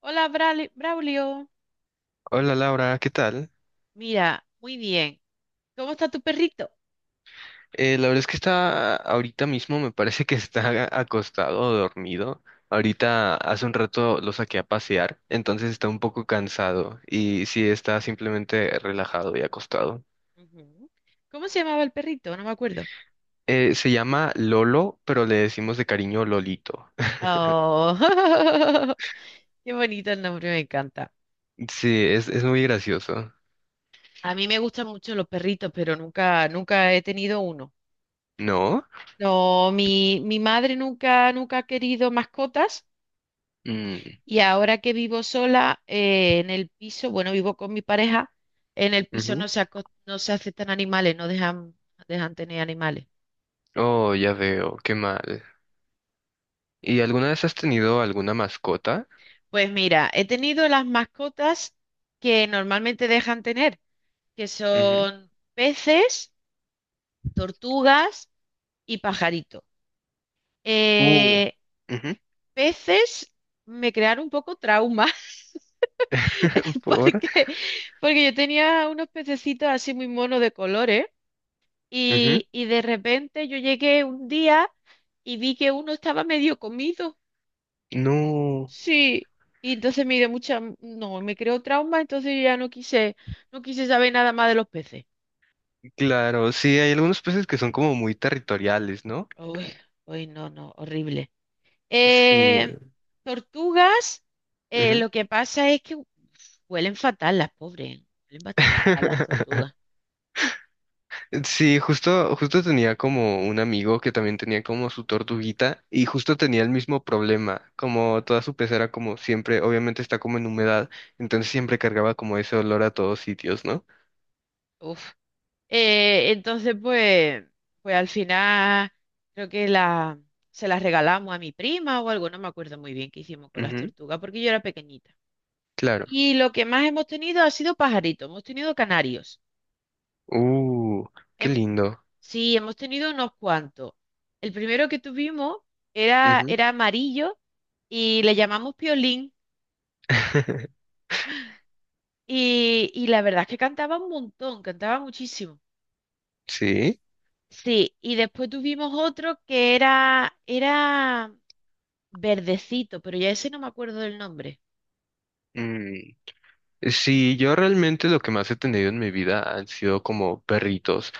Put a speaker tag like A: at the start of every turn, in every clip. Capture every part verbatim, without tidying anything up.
A: Hola, Brali- Braulio.
B: Hola Laura, ¿qué tal?
A: Mira, muy bien. ¿Cómo está tu perrito?
B: Eh, la verdad es que está ahorita mismo, me parece que está acostado o dormido. Ahorita hace un rato lo saqué a pasear, entonces está un poco cansado y sí está simplemente relajado y acostado.
A: Ujú. ¿Cómo se llamaba el perrito? No me acuerdo.
B: Eh, se llama Lolo, pero le decimos de cariño Lolito.
A: Oh, qué bonito el nombre, me encanta.
B: Sí, es, es muy gracioso.
A: A mí me gustan mucho los perritos, pero nunca, nunca he tenido uno.
B: ¿No?
A: No, mi, mi madre nunca, nunca ha querido mascotas,
B: Mm,
A: y ahora que vivo sola eh, en el piso, bueno, vivo con mi pareja, en el piso
B: ujú.
A: no se, aco- no se aceptan animales, no dejan, dejan tener animales.
B: Oh, ya veo, qué mal. ¿Y alguna vez has tenido alguna mascota?
A: Pues mira, he tenido las mascotas que normalmente dejan tener, que
B: Ujú.
A: son peces, tortugas y pajaritos.
B: Uh,
A: Eh,
B: ujú.
A: Peces me crearon un poco trauma.
B: ¿Por?
A: Porque, Porque yo tenía unos pececitos así muy monos de colores
B: Ujú.
A: y, y de repente yo llegué un día y vi que uno estaba medio comido.
B: No,
A: Sí, y entonces me dio mucha, no, me creó trauma, entonces yo ya no quise, no quise saber nada más de los peces.
B: claro, sí, hay algunos peces que son como muy territoriales, ¿no?
A: Uy, uy, no, no, horrible.
B: Sí,
A: Eh, Tortugas, eh,
B: ujú.
A: lo que pasa es que uf, huelen fatal las pobres, huelen bastante mal las tortugas.
B: Sí, justo, justo tenía como un amigo que también tenía como su tortuguita y justo tenía el mismo problema, como toda su pecera como siempre, obviamente está como en humedad, entonces siempre cargaba como ese olor a todos sitios, ¿no?
A: Uf. Eh, entonces, pues, pues al final creo que la, se las regalamos a mi prima o algo, no me acuerdo muy bien qué hicimos con las
B: Ujú,
A: tortugas, porque yo era pequeñita.
B: claro.
A: Y lo que más hemos tenido ha sido pajaritos, hemos tenido canarios.
B: Uh, qué
A: Hem-
B: lindo.
A: sí, hemos tenido unos cuantos. El primero que tuvimos era,
B: Ujú.
A: era amarillo y le llamamos Piolín. Y, y la verdad es que cantaba un montón, cantaba muchísimo.
B: Sí.
A: Sí, y después tuvimos otro que era, era verdecito, pero ya ese no me acuerdo del nombre.
B: Sí, yo realmente lo que más he tenido en mi vida han sido como perritos.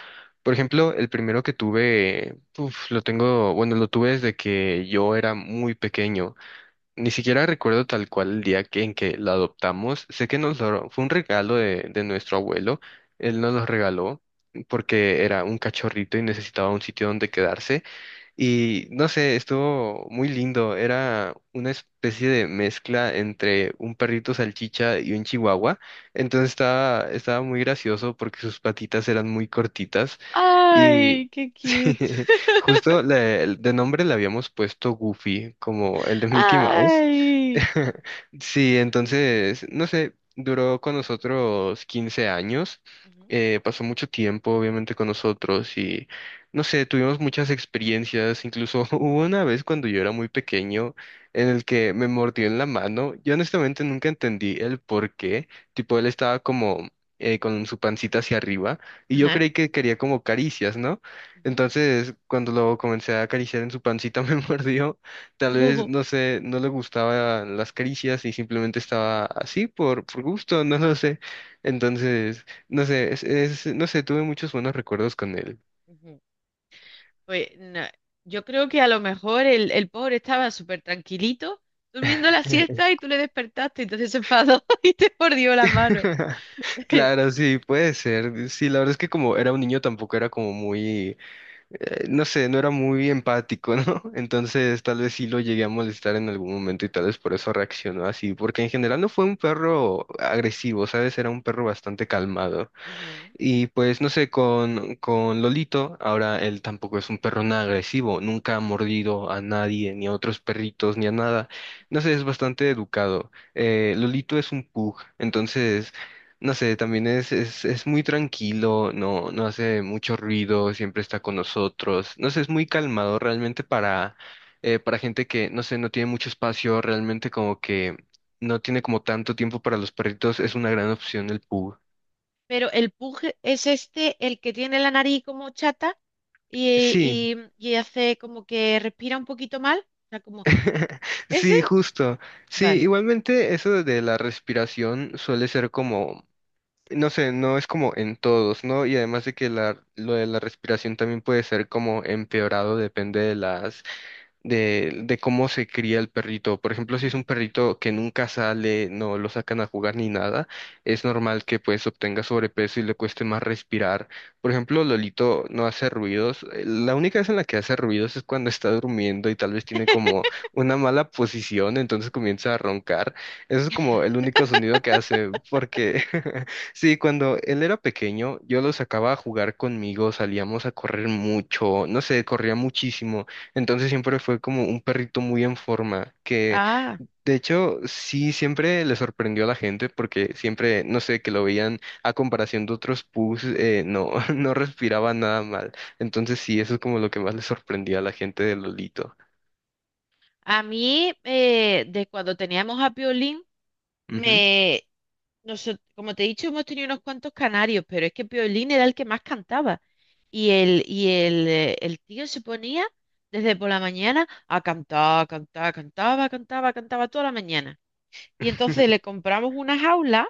B: Por ejemplo, el primero que tuve, uf, lo tengo, bueno, lo tuve desde que yo era muy pequeño. Ni siquiera recuerdo tal cual el día que, en que lo adoptamos. Sé que nos lo, fue un regalo de, de nuestro abuelo. Él nos lo regaló porque era un cachorrito y necesitaba un sitio donde quedarse. Y no sé, estuvo muy lindo. Era una especie de mezcla entre un perrito salchicha y un chihuahua. Entonces estaba, estaba muy gracioso porque sus patitas eran muy cortitas. Y
A: Ay, qué
B: sí,
A: cute.
B: justo le- de nombre le habíamos puesto Goofy, como el de Mickey Mouse.
A: Ay.
B: Sí, entonces, no sé, duró con nosotros quince años.
A: Ujú.
B: Eh, pasó mucho tiempo, obviamente, con nosotros. No sé, tuvimos muchas experiencias, incluso hubo una vez cuando yo era muy pequeño en el que me mordió en la mano. Yo honestamente nunca entendí el por qué, tipo él estaba como eh, con su pancita hacia arriba y yo
A: Ajá,
B: creí que quería como caricias, ¿no?
A: ujú.
B: Entonces cuando lo comencé a acariciar en su pancita me mordió, tal vez,
A: Ujú,
B: no sé, no le gustaban las caricias y simplemente estaba así por, por gusto, no lo sé. Entonces, no sé, es, es- no sé, tuve muchos buenos recuerdos con él.
A: ujú. Pues no, yo creo que a lo mejor el, el pobre estaba súper tranquilito durmiendo la siesta y tú le despertaste, entonces se enfadó y te mordió la mano.
B: Claro, sí, puede ser. Sí, la verdad es que como era un niño tampoco era como muy, eh, no sé, no era muy empático, ¿no? Entonces tal vez sí lo llegué a molestar en algún momento y tal vez por eso reaccionó así, porque en general no fue un perro agresivo, ¿sabes? Era un perro bastante calmado.
A: Ujú.
B: Y pues no sé, con, con Lolito, ahora él tampoco es un perro nada agresivo, nunca ha mordido a nadie, ni a otros perritos, ni a nada. No sé, es bastante educado. Eh, Lolito es un pug, entonces, no sé, también es, es, es muy tranquilo, no, no hace mucho ruido, siempre está con nosotros. No sé, es muy calmado realmente para, eh, para gente que, no sé, no tiene mucho espacio, realmente como que no tiene como tanto tiempo para los perritos, es una gran opción el pug.
A: Pero el pug es este, el que tiene la nariz como chata y,
B: Sí,
A: y- y hace como que respira un poquito mal. O sea, como, ¿ese?
B: sí, justo. Sí,
A: Vale.
B: igualmente eso de la respiración suele ser como, no sé, no es como en todos, ¿no? Y además de que la, lo de la respiración también puede ser como empeorado, depende de las de, de cómo se cría el perrito. Por ejemplo, si es
A: Ujú.
B: un perrito que nunca sale, no lo sacan a jugar ni nada, es normal que pues obtenga sobrepeso y le cueste más respirar. Por ejemplo, Lolito no hace ruidos. Eh, La única vez en la que hace ruidos es cuando está durmiendo y tal vez tiene como una mala posición, entonces comienza a roncar. Eso es como el único sonido que hace, porque sí, cuando él era pequeño, yo lo sacaba a jugar conmigo, salíamos a correr mucho, no sé, corría muchísimo. Entonces siempre fue como un perrito muy en forma, que
A: Ah.
B: de hecho sí siempre le sorprendió a la gente porque siempre, no sé, que lo veían a comparación de otros pus, eh, no, no respiraba nada mal. Entonces sí, eso es como lo que más le sorprendía a la gente de Lolito.
A: A mí, eh, de cuando teníamos a Piolín,
B: Ujú,
A: me, noso- como te he dicho, hemos tenido unos cuantos canarios, pero es que Piolín era el que más cantaba. Y el, y el, eh, el tío se ponía desde por la mañana a cantar, cantar, cantaba, cantaba, cantaba toda la mañana. Y entonces le compramos una jaula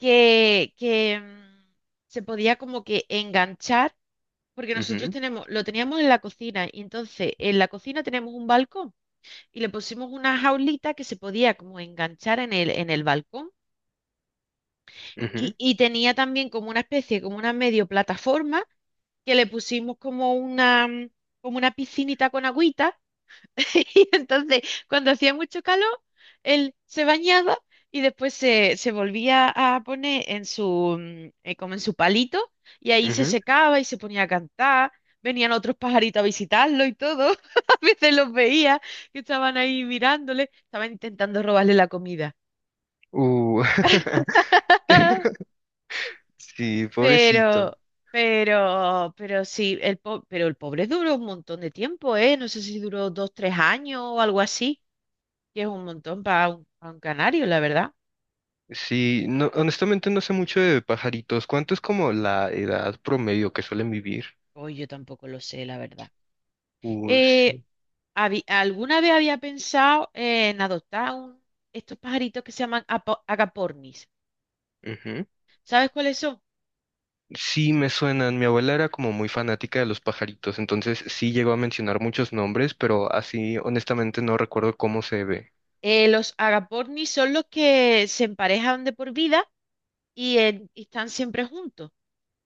A: que, que mm, se podía como que enganchar, porque nosotros
B: ujú,
A: tenemos, lo teníamos en la cocina, y entonces en la cocina tenemos un balcón y le pusimos una jaulita que se podía como enganchar en el, en el balcón,
B: ujú,
A: y, y tenía también como una especie, como una medio plataforma que le pusimos como una, mm, como una piscinita con agüita. Y entonces, cuando hacía mucho calor, él se bañaba y después se, se volvía a poner en su, mm, eh, como en su palito, y ahí se
B: ujú.
A: secaba y se ponía a cantar. Venían otros pajaritos a visitarlo y todo. A veces los veía que estaban ahí mirándole, estaban intentando robarle la comida.
B: Uh, sí,
A: Pero,
B: pobrecito.
A: pero, pero sí, el po- pero el pobre duró un montón de tiempo, ¿eh? No sé si duró dos, tres años o algo así, que es un montón para un, pa un canario, la verdad.
B: Sí, no, honestamente no sé mucho de pajaritos. ¿Cuánto es como la edad promedio que suelen vivir?
A: Hoy yo tampoco lo sé, la verdad.
B: Uh,
A: Eh,
B: sí.
A: habí- ¿Alguna vez había pensado en adoptar un- estos pajaritos que se llaman apo- agapornis? ¿Sabes cuáles son?
B: Sí, me suenan. Mi abuela era como muy fanática de los pajaritos, entonces sí llegó a mencionar muchos nombres, pero así honestamente no recuerdo cómo se ve.
A: Eh, los agapornis son los que se emparejan de por vida y, en- y están siempre juntos.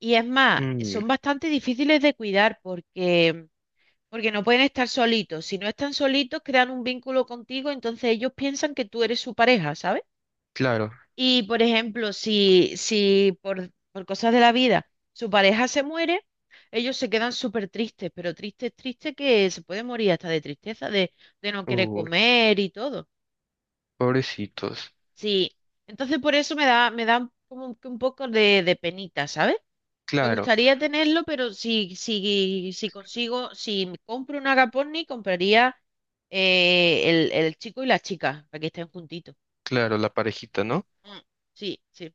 A: Y es más,
B: Mm,
A: son bastante difíciles de cuidar porque, porque no pueden estar solitos. Si no están solitos, crean un vínculo contigo, entonces ellos piensan que tú eres su pareja, ¿sabes?
B: claro.
A: Y, por ejemplo, si, si por, por cosas de la vida su pareja se muere, ellos se quedan súper tristes, pero tristes, tristes, que se puede morir hasta de tristeza, de, de no querer
B: Uh,
A: comer y todo.
B: pobrecitos.
A: Sí, entonces por eso me da, me da como que un poco de, de penita, ¿sabes? Me
B: Claro,
A: gustaría tenerlo, pero si, si, si consigo, si me compro un Agaponni, compraría eh, el, el chico y la chica, para que estén juntitos.
B: claro, la parejita, ¿no?
A: Mm, sí, sí,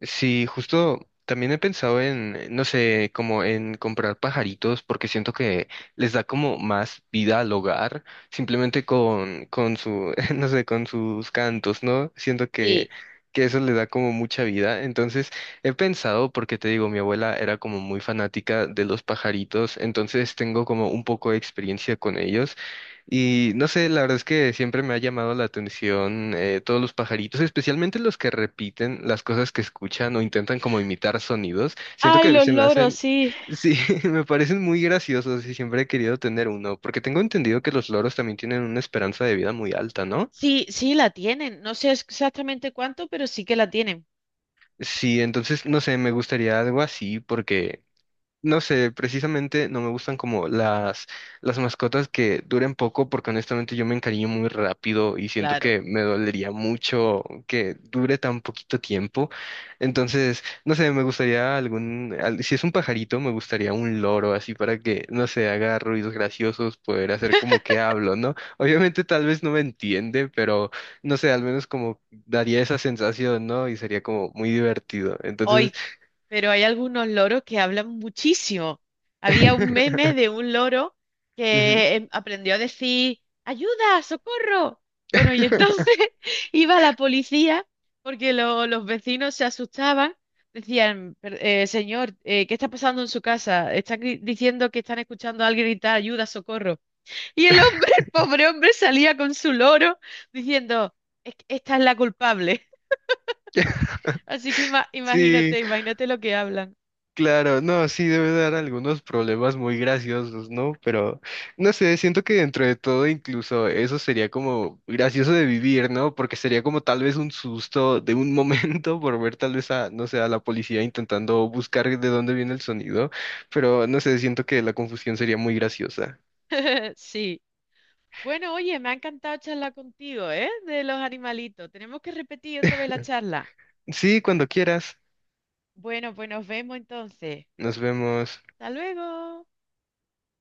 B: Sí, justo también he pensado en, eh, no sé, como en comprar pajaritos porque siento que les da como más vida al hogar, simplemente con, con su, no sé, con sus cantos, ¿no? Siento que,
A: sí.
B: que eso le da como mucha vida. Entonces, he pensado, porque te digo, mi abuela era como muy fanática de los pajaritos, entonces tengo como un poco de experiencia con ellos y no sé, la verdad es que siempre me ha llamado la atención eh, todos los pajaritos, especialmente los que repiten las cosas que escuchan o intentan como imitar sonidos. Siento
A: Ay,
B: que
A: los
B: se me
A: loros,
B: hacen,
A: sí.
B: sí, me parecen muy graciosos y siempre he querido tener uno, porque tengo entendido que los loros también tienen una esperanza de vida muy alta, ¿no?
A: Sí, sí la tienen. No sé exactamente cuánto, pero sí que la tienen.
B: Sí, entonces, no sé, me gustaría algo así porque no sé, precisamente no me gustan como las, las mascotas que duren poco porque honestamente yo me encariño muy rápido y siento
A: Claro,
B: que me dolería mucho que dure tan poquito tiempo. Entonces, no sé, me gustaría algún, al- si es un pajarito, me gustaría un loro así para que, no sé, haga ruidos graciosos, poder hacer como que hablo, ¿no? Obviamente tal vez no me entiende, pero no sé, al menos como daría esa sensación, ¿no? Y sería como muy divertido. Entonces,
A: hoy. Pero hay algunos loros que hablan muchísimo. Había un meme de un loro
B: ujú.
A: que em, aprendió a decir, ¡ayuda, socorro! Bueno, y entonces iba la policía porque lo- los vecinos se asustaban. Decían, "Per- eh, señor, eh, ¿qué está pasando en su casa? Están gri- diciendo que están escuchando a alguien gritar, ayuda, socorro". Y el hombre, el pobre hombre, salía con su loro diciendo, "Es que esta es la culpable". Así que ima-
B: Sí,
A: imagínate, imagínate lo que hablan.
B: claro, no, sí debe dar algunos problemas muy graciosos, ¿no? Pero no sé, siento que dentro de todo incluso eso sería como gracioso de vivir, ¿no? Porque sería como tal vez un susto de un momento por ver tal vez a, no sé, a la policía intentando buscar de dónde viene el sonido, pero no sé, siento que la confusión sería muy graciosa.
A: Sí. Bueno, oye, me ha encantado charlar contigo, ¿eh? De los animalitos. Tenemos que repetir otra vez la charla.
B: Sí, cuando quieras,
A: Bueno, pues nos vemos entonces.
B: nos vemos.
A: Hasta luego.